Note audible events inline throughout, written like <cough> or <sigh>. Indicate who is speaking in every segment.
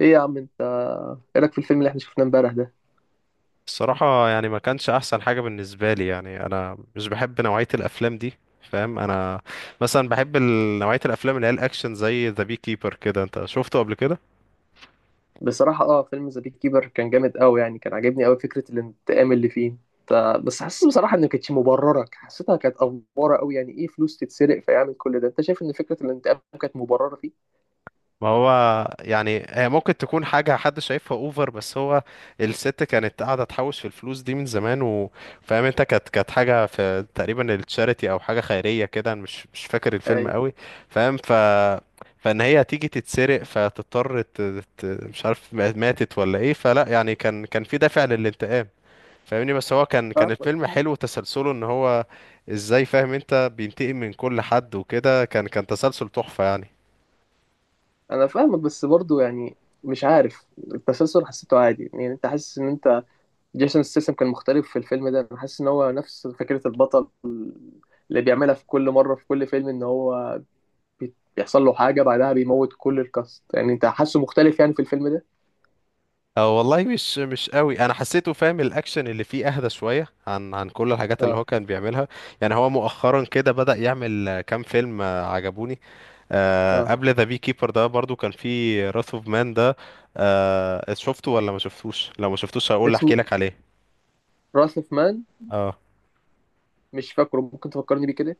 Speaker 1: ايه يا عم انت، ايه رايك في الفيلم اللي احنا شفناه امبارح ده؟
Speaker 2: الصراحة يعني ما كانش أحسن حاجة بالنسبة لي، يعني أنا مش بحب نوعية الأفلام دي. فاهم أنا. مثلا بحب نوعية الأفلام اللي هي الأكشن زي ذا بي كيبر كده. أنت شفته قبل كده؟
Speaker 1: بصراحه فيلم ذا بيك كيبر كان جامد قوي يعني، كان عاجبني قوي فكره الانتقام اللي فيه. انت بس حاسس بصراحه ان ما كانتش مبرره، حسيتها كانت افوره قوي. يعني ايه فلوس تتسرق فيعمل كل ده؟ انت شايف ان فكره الانتقام كانت مبرره فيه؟
Speaker 2: ما هو يعني هي ممكن تكون حاجة حد شايفها اوفر، بس هو الست كانت قاعدة تحوش في الفلوس دي من زمان، وفاهم انت كانت حاجة في تقريبا التشاريتي او حاجة خيرية كده. أنا مش فاكر الفيلم
Speaker 1: اي
Speaker 2: قوي. فاهم، فان هي تيجي تتسرق فتضطر مش عارف ماتت ولا ايه. فلا يعني كان في دافع للانتقام. فاهمني. بس هو كان
Speaker 1: فاهمك.
Speaker 2: الفيلم حلو تسلسله ان هو ازاي، فاهم انت، بينتقم من كل حد وكده. كان تسلسل تحفة يعني.
Speaker 1: انا فاهمك بس برضو يعني مش عارف، التسلسل حسيته عادي. يعني انت حاسس ان انت جيسون ستاثام كان مختلف في الفيلم ده؟ انا حاسس ان هو نفس فكره البطل اللي بيعملها في كل مره في كل فيلم، ان هو بيحصل له حاجة بعدها بيموت كل الكاست. يعني انت حاسه مختلف يعني في الفيلم ده؟
Speaker 2: اه والله مش قوي، انا حسيته، فاهم، الاكشن اللي فيه اهدى شويه عن كل الحاجات اللي هو
Speaker 1: اه.
Speaker 2: كان بيعملها. يعني هو مؤخرا كده بدأ يعمل كام فيلم عجبوني.
Speaker 1: اه
Speaker 2: قبل ذا بي كيبر ده برضو كان فيه راث اوف مان ده. شفته ولا ما شفتوش؟ لو ما شفتوش هقول احكي
Speaker 1: اسمه
Speaker 2: لك عليه.
Speaker 1: راس اوف مان،
Speaker 2: اه.
Speaker 1: مش فاكره، ممكن تفكرني بيه كده.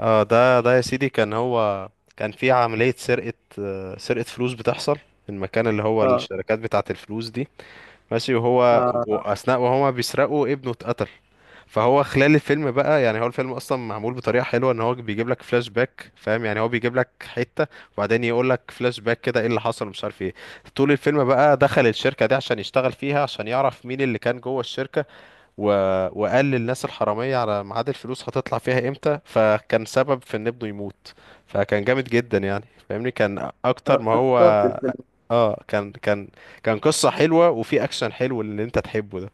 Speaker 2: اه ده يا سيدي، كان في عملية سرقة، سرقة فلوس بتحصل في المكان اللي هو
Speaker 1: اه.
Speaker 2: الشركات بتاعة الفلوس دي. ماشي،
Speaker 1: اه
Speaker 2: وأثناء وهما بيسرقوا ابنه اتقتل. فهو خلال الفيلم بقى، يعني هو الفيلم اصلا معمول بطريقه حلوه ان هو بيجيب لك فلاش باك. فاهم يعني، هو بيجيب لك حته وبعدين يقول لك فلاش باك كده ايه اللي حصل مش عارف ايه. طول الفيلم بقى دخل الشركه دي عشان يشتغل فيها، عشان يعرف مين اللي كان جوه الشركه، و... وقال للناس الحراميه على ميعاد الفلوس هتطلع فيها امتى، فكان سبب في ان ابنه يموت. فكان جامد جدا يعني، فاهمني، كان
Speaker 1: انا
Speaker 2: اكتر ما هو.
Speaker 1: افتكرت الفيلم
Speaker 2: اه كان قصه حلوه وفي اكشن حلو اللي انت تحبه ده.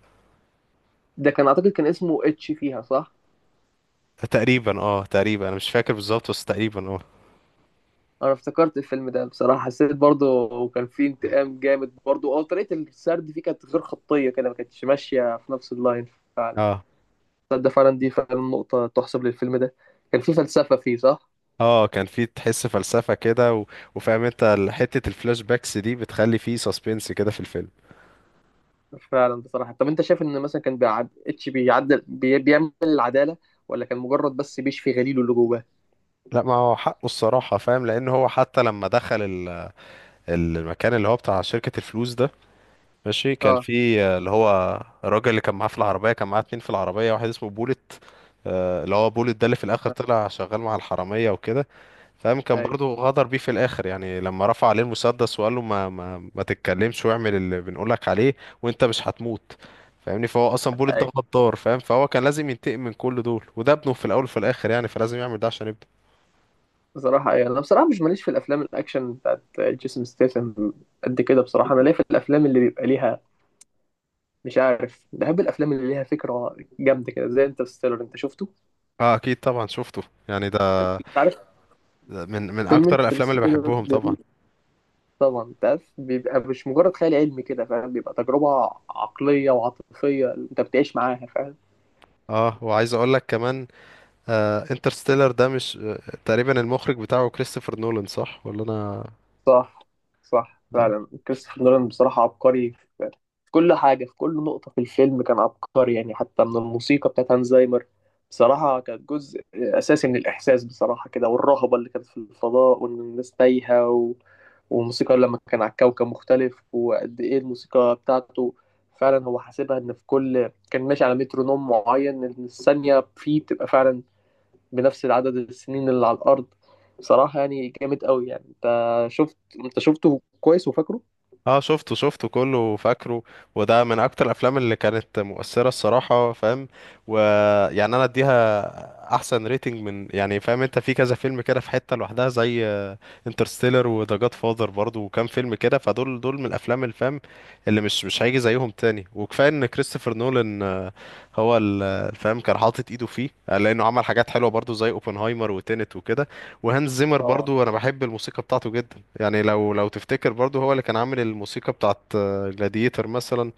Speaker 1: ده. كان اعتقد كان اسمه اتش فيها، صح؟
Speaker 2: تقريبا اه، تقريبا انا مش فاكر بالظبط بس تقريبا اه.
Speaker 1: انا افتكرت الفيلم ده بصراحة، حسيت برضه كان فيه انتقام جامد برضه. اه طريقة السرد فيه كانت غير خطية كده، ما كانتش ماشية في نفس اللاين فعلا.
Speaker 2: اه
Speaker 1: تصدق فعلا دي فعلا نقطة تحسب للفيلم ده. كان فيه فلسفة فيه، صح؟
Speaker 2: اه كان في تحس فلسفة كده، وفاهم انت حتة الفلاش باكس دي بتخلي فيه سسبنس كده في الفيلم.
Speaker 1: فعلا. بصراحة طب انت شايف ان مثلا كان اتش بيعدل بيعمل العدالة، ولا كان مجرد بس بيشفي غليله اللي جواه؟
Speaker 2: لا، ما هو حقه الصراحة. فاهم، لان هو حتى لما دخل المكان اللي هو بتاع شركة الفلوس ده. ماشي، كان
Speaker 1: اه.
Speaker 2: في اللي هو الراجل اللي كان معاه في العربية، كان معاه اتنين في العربية، واحد اسمه بولت. اللي هو بولت ده اللي في الاخر طلع شغال مع الحرامية وكده. فاهم، كان
Speaker 1: اي.
Speaker 2: برضو غدر بيه في الاخر، يعني لما رفع عليه المسدس وقال له ما تتكلمش واعمل اللي بنقولك عليه وانت مش هتموت. فاهمني، فهو اصلا بوليت ده
Speaker 1: اي
Speaker 2: غدار. فاهم، فهو كان لازم ينتقم من كل دول، وده ابنه في الاول وفي الاخر، يعني فلازم يعمل ده عشان ابنه.
Speaker 1: بصراحة، اي انا بصراحة مش ماليش في الافلام الاكشن بتاعت جيسون ستاثام قد كده. بصراحة انا ليا في الافلام اللي بيبقى ليها مش عارف، بحب الافلام اللي ليها فكرة جامدة كده زي انترستيلر. انت شفته؟
Speaker 2: اه اكيد طبعا شفته. يعني ده،
Speaker 1: انت عارف
Speaker 2: ده من
Speaker 1: فيلم
Speaker 2: اكتر الافلام اللي
Speaker 1: انترستيلر
Speaker 2: بحبهم طبعا.
Speaker 1: جميل. طبعا انت عارف بيبقى مش مجرد خيال علمي كده، فاهم، بيبقى تجربة عقلية وعاطفية انت بتعيش معاها، فاهم.
Speaker 2: اه وعايز اقول لك كمان، انترستيلر ده مش تقريبا المخرج بتاعه كريستوفر نولان، صح ولا؟
Speaker 1: صح. صح
Speaker 2: انا
Speaker 1: فعلا كريستوفر نولان بصراحة عبقري في في كل حاجة، في كل نقطة في الفيلم كان عبقري يعني. حتى من الموسيقى بتاعت هانزايمر بصراحة، كانت جزء أساسي من الإحساس بصراحة، كده والرهبة اللي كانت في الفضاء وإن الناس تايهة، و... والموسيقى لما كان على كوكب مختلف، وقد إيه الموسيقى بتاعته. فعلا هو حاسبها إن في كل كان ماشي على مترونوم معين، إن الثانية فيه بتبقى فعلا بنفس العدد السنين اللي على الأرض. بصراحة يعني جامد قوي يعني. شفت انت شفته كويس وفاكره؟
Speaker 2: اه شفته كله فاكره. وده من اكتر الافلام اللي كانت مؤثره الصراحه. فاهم، ويعني انا اديها احسن ريتنج من، يعني فاهم انت، في كذا فيلم كده في حته لوحدها، زي انترستيلر وذا جاد فاذر برضه وكام فيلم كده. فدول من الافلام الفام اللي مش هيجي زيهم تاني. وكفايه ان كريستوفر نولان هو الفهم كان حاطط ايده فيه، لانه عمل حاجات حلوه برضو زي اوبنهايمر وتينت وكده. وهانز زيمر
Speaker 1: اه.
Speaker 2: برضو انا بحب الموسيقى بتاعته جدا، يعني لو تفتكر برضو هو اللي كان عامل الموسيقى بتاعت جلاديتر مثلا،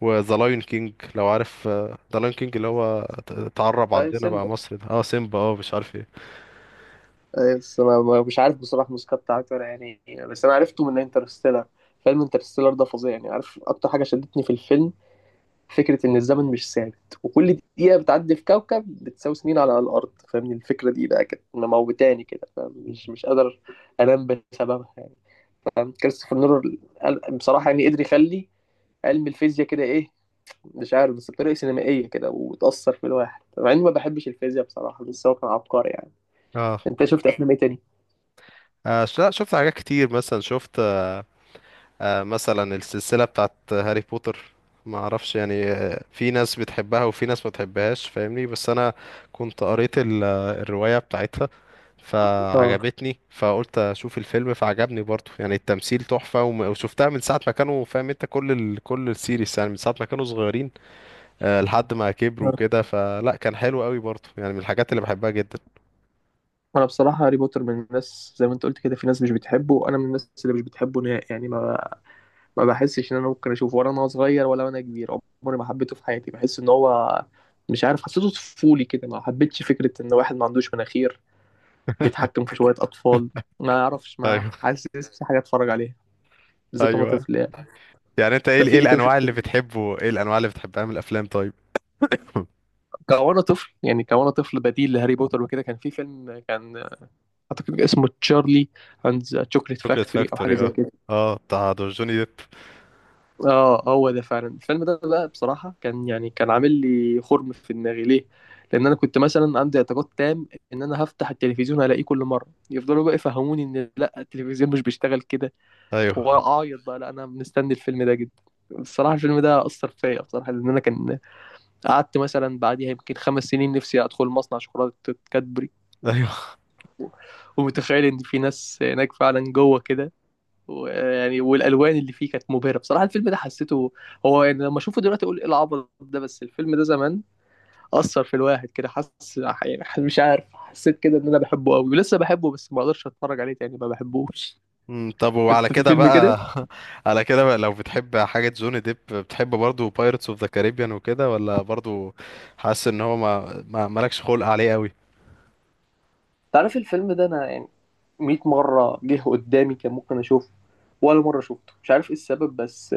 Speaker 2: وذا لايون كينج. لو عارف ذا لايون كينج اللي هو اتعرب
Speaker 1: اي
Speaker 2: عندنا بقى
Speaker 1: سيمبا.
Speaker 2: مصر، ده سيمبا مش عارف ايه.
Speaker 1: اي بس انا مش عارف بصراحة الموسيقى بتاعته ولا يعني، بس انا عرفته من انترستيلر. فيلم انترستيلر ده فظيع يعني. عارف اكتر حاجة شدتني في الفيلم؟ فكرة ان الزمن مش ثابت وكل دقيقة بتعدي في كوكب بتساوي سنين على الأرض، فاهمني. الفكرة دي بقى كانت مموتاني كده، فاهم، مش قادر انام بسببها يعني. فاهم كريستوفر نولان بصراحة يعني قدر يخلي علم الفيزياء كده، ايه، مش عارف، بس بطريقة سينمائية كده وتأثر في الواحد مع إني ما بحبش الفيزياء بصراحة، بس هو كان عبقري يعني.
Speaker 2: اه.
Speaker 1: أنت شفت أفلام إيه تاني؟
Speaker 2: لا، شفت حاجات كتير. مثلا شفت مثلا السلسلة بتاعت هاري بوتر. ما اعرفش يعني، في ناس بتحبها وفي ناس ما بتحبهاش. فاهمني، بس انا كنت قريت الرواية بتاعتها
Speaker 1: آه.
Speaker 2: فعجبتني، فقلت اشوف الفيلم فعجبني برضو. يعني التمثيل تحفة وشفتها من ساعة ما كانوا، فاهم انت، كل كل السيريس يعني من ساعة ما كانوا صغيرين لحد ما كبروا
Speaker 1: آه.
Speaker 2: كده. فلا كان حلو قوي برضو، يعني من الحاجات اللي بحبها جدا.
Speaker 1: أنا بصراحة هاري بوتر، من الناس زي ما أنت قلت كده، في ناس مش بتحبه وأنا من الناس اللي مش بتحبه نهائي يعني. ما بحسش إن أنا ممكن أشوفه، ولا أنا صغير ولا وأنا كبير. عمري ما حبيته في حياتي. بحس إن هو مش عارف، حسيته طفولي كده. ما حبيتش فكرة إن واحد ما عندوش مناخير
Speaker 2: <laughs>
Speaker 1: بيتحكم في شوية أطفال. ما أعرفش، ما
Speaker 2: ايوه،
Speaker 1: حاسس في حاجة أتفرج عليها، بالذات وأنا
Speaker 2: ايوه.
Speaker 1: طفل يعني.
Speaker 2: يعني انت ايه
Speaker 1: أنت في
Speaker 2: ايه
Speaker 1: إيه تاني
Speaker 2: الانواع اللي
Speaker 1: شفته؟
Speaker 2: بتحبه ايه الانواع اللي بتحبها من الافلام طيب؟ <laughs>
Speaker 1: كوانا طفل يعني، كوانا طفل بديل لهاري بوتر وكده. كان في فيلم، كان اعتقد اسمه تشارلي اند ذا تشوكليت
Speaker 2: شوكليت
Speaker 1: فاكتوري او حاجه
Speaker 2: فاكتوري،
Speaker 1: زي
Speaker 2: اه.
Speaker 1: كده.
Speaker 2: اه، بتاع دور جوني ديب.
Speaker 1: اه هو ده فعلا. الفيلم ده بقى بصراحه، كان يعني كان عامل لي خرم في دماغي. ليه؟ لان انا كنت مثلا عندي اعتقاد تام ان انا هفتح التلفزيون الاقيه كل مره. يفضلوا بقى يفهموني ان لا، التلفزيون مش بيشتغل كده،
Speaker 2: ايوه،
Speaker 1: واعيط بقى، لا انا مستني الفيلم ده جدا. بصراحة الفيلم ده أثر فيا بصراحة، لأن أنا كان قعدت مثلا بعديها يمكن 5 سنين نفسي أدخل مصنع شوكولاتة كادبري
Speaker 2: ايوه.
Speaker 1: ومتخيل ان في ناس هناك فعلا جوه كده. ويعني والالوان اللي فيه كانت مبهره بصراحه. الفيلم ده حسيته، هو يعني لما اشوفه دلوقتي اقول ايه العبط ده، بس الفيلم ده زمان اثر في الواحد كده. حس يعني مش عارف، حسيت كده ان انا بحبه قوي ولسه بحبه، بس ما اقدرش اتفرج عليه تاني، ما بحبوش.
Speaker 2: طب وعلى
Speaker 1: انت في
Speaker 2: كده
Speaker 1: فيلم
Speaker 2: بقى،
Speaker 1: كده،
Speaker 2: <laughs> على كده بقى، لو بتحب حاجة جوني ديب بتحب برضو بايرتس اوف ذا كاريبيان وكده؟ ولا برضو حاسس ان هو ما مالكش خلق عليه قوي؟
Speaker 1: تعرف الفيلم ده، انا يعني 100 مره جه قدامي كان ممكن اشوفه، ولا مره شفته، مش عارف ايه السبب، بس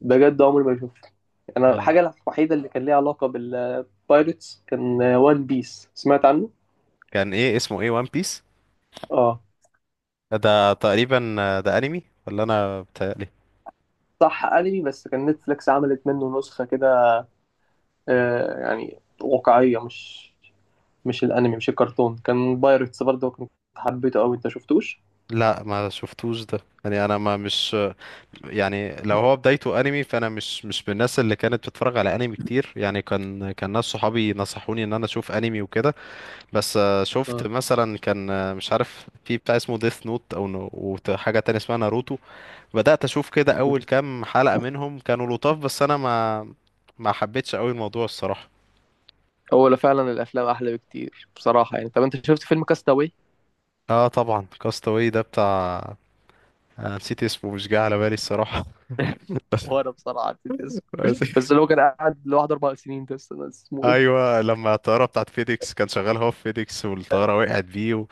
Speaker 1: بجد عمري ما شفته. انا
Speaker 2: اه،
Speaker 1: الحاجه الوحيده اللي كان ليها علاقه بالبايرتس كان وان بيس، سمعت عنه.
Speaker 2: كان ايه اسمه؟ ايه وان بيس
Speaker 1: اه.
Speaker 2: ده؟ تقريبا ده انمي، ولا انا بتهيألي؟
Speaker 1: صح انمي بس كان نتفليكس عملت منه نسخه كده، آه يعني واقعيه، مش مش الانمي مش الكرتون، كان بايرتس برضه، كنت حبيته قوي. انت شفتوش؟
Speaker 2: لا ما شفتوش ده، يعني انا ما مش يعني لو هو بدايته انمي فانا مش من الناس اللي كانت بتتفرج على انمي كتير. يعني كان ناس صحابي نصحوني ان انا اشوف انمي وكده. بس
Speaker 1: آه.
Speaker 2: شفت مثلا كان مش عارف في بتاع اسمه ديث نوت، او حاجه تانية اسمها ناروتو. بدات اشوف كده اول كام حلقه منهم، كانوا لطاف، بس انا ما حبيتش قوي الموضوع الصراحه.
Speaker 1: هو لا فعلا الافلام احلى بكتير بصراحه يعني. طب انت شفت فيلم كاستاوي؟
Speaker 2: اه طبعا، كاستاوي ده بتاع نسيت اسمه، مش جاي على بالي الصراحه.
Speaker 1: <laughs> هو انا بصراحه نسيت
Speaker 2: <laughs>
Speaker 1: اسمه،
Speaker 2: بس،
Speaker 1: بس اللي هو كان قاعد لوحده 4 سنين ده، استنى اسمه ايه؟
Speaker 2: ايوه. لما الطياره بتاعت فيديكس، كان شغال هو في فيديكس والطياره وقعت بيه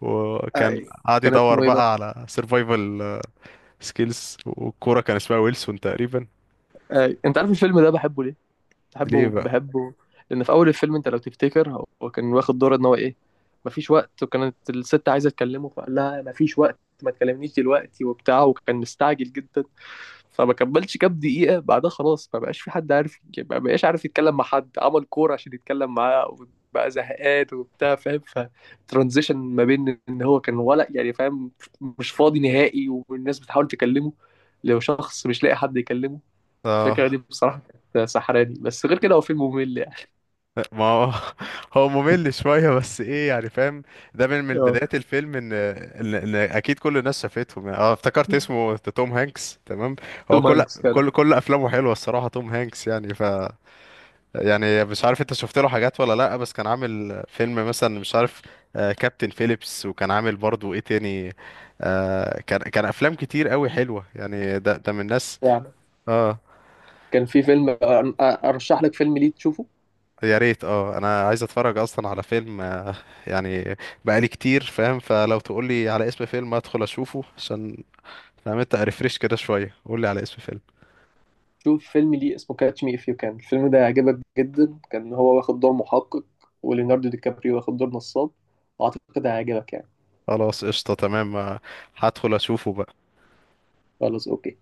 Speaker 2: وكان
Speaker 1: اي.
Speaker 2: قاعد
Speaker 1: كان
Speaker 2: يدور
Speaker 1: اسمه ايه بقى؟
Speaker 2: بقى على سرفايفل سكيلز. والكوره كان اسمها ويلسون تقريبا.
Speaker 1: اي انت عارف الفيلم ده بحبه ليه؟
Speaker 2: ليه
Speaker 1: بحبه
Speaker 2: بقى؟
Speaker 1: بحبه لان في اول الفيلم، انت لو تفتكر، هو كان واخد دور ان هو ايه، مفيش وقت. وكانت الست عايزه تكلمه فقال لها مفيش وقت ما تكلمنيش دلوقتي وبتاع، وكان مستعجل جدا. فما كملش كام دقيقه بعدها خلاص، ما بقاش في حد عارف، ما بقاش عارف يتكلم مع حد، عمل كوره عشان يتكلم معاه، وبقى زهقان وبتاع، فاهم. فترانزيشن ما بين ان هو كان، ولا يعني فاهم، مش فاضي نهائي والناس بتحاول تكلمه، لو شخص مش لاقي حد يكلمه. الفكرة
Speaker 2: اه
Speaker 1: دي بصراحة كانت سحراني، بس غير كده هو فيلم ممل يعني.
Speaker 2: ما هو، <laughs> هو ممل شويه، بس ايه يعني، فاهم، ده من
Speaker 1: اه
Speaker 2: بدايه الفيلم إن اكيد كل الناس شافتهم. يعني اه افتكرت اسمه توم هانكس، تمام. هو
Speaker 1: توم
Speaker 2: كل
Speaker 1: هانكس كده
Speaker 2: كل كل افلامه حلوه الصراحه، توم هانكس يعني يعني مش عارف انت شفت له حاجات ولا لا، بس كان عامل فيلم مثلا مش عارف، كابتن فيليبس، وكان عامل برضو ايه تاني، كان افلام كتير قوي حلوة يعني. ده ده من الناس.
Speaker 1: يعني.
Speaker 2: اه
Speaker 1: كان في فيلم أرشح لك فيلم ليه تشوفه.
Speaker 2: يا ريت، انا عايز اتفرج اصلا على فيلم يعني بقالي كتير. فاهم، فلو تقول لي على اسم فيلم ادخل اشوفه عشان، فاهم انت، ريفريش كده شوية. قول لي على اسم فيلم.
Speaker 1: شوف فيلم ليه اسمه كاتش مي إف يو كان. الفيلم ده هيعجبك جدا، كان هو واخد دور محقق، وليوناردو دي كابريو واخد دور نصاب، وأعتقد هيعجبك يعني.
Speaker 2: خلاص قشطة، تمام هدخل اشوفه بقى.
Speaker 1: خلاص أوكي.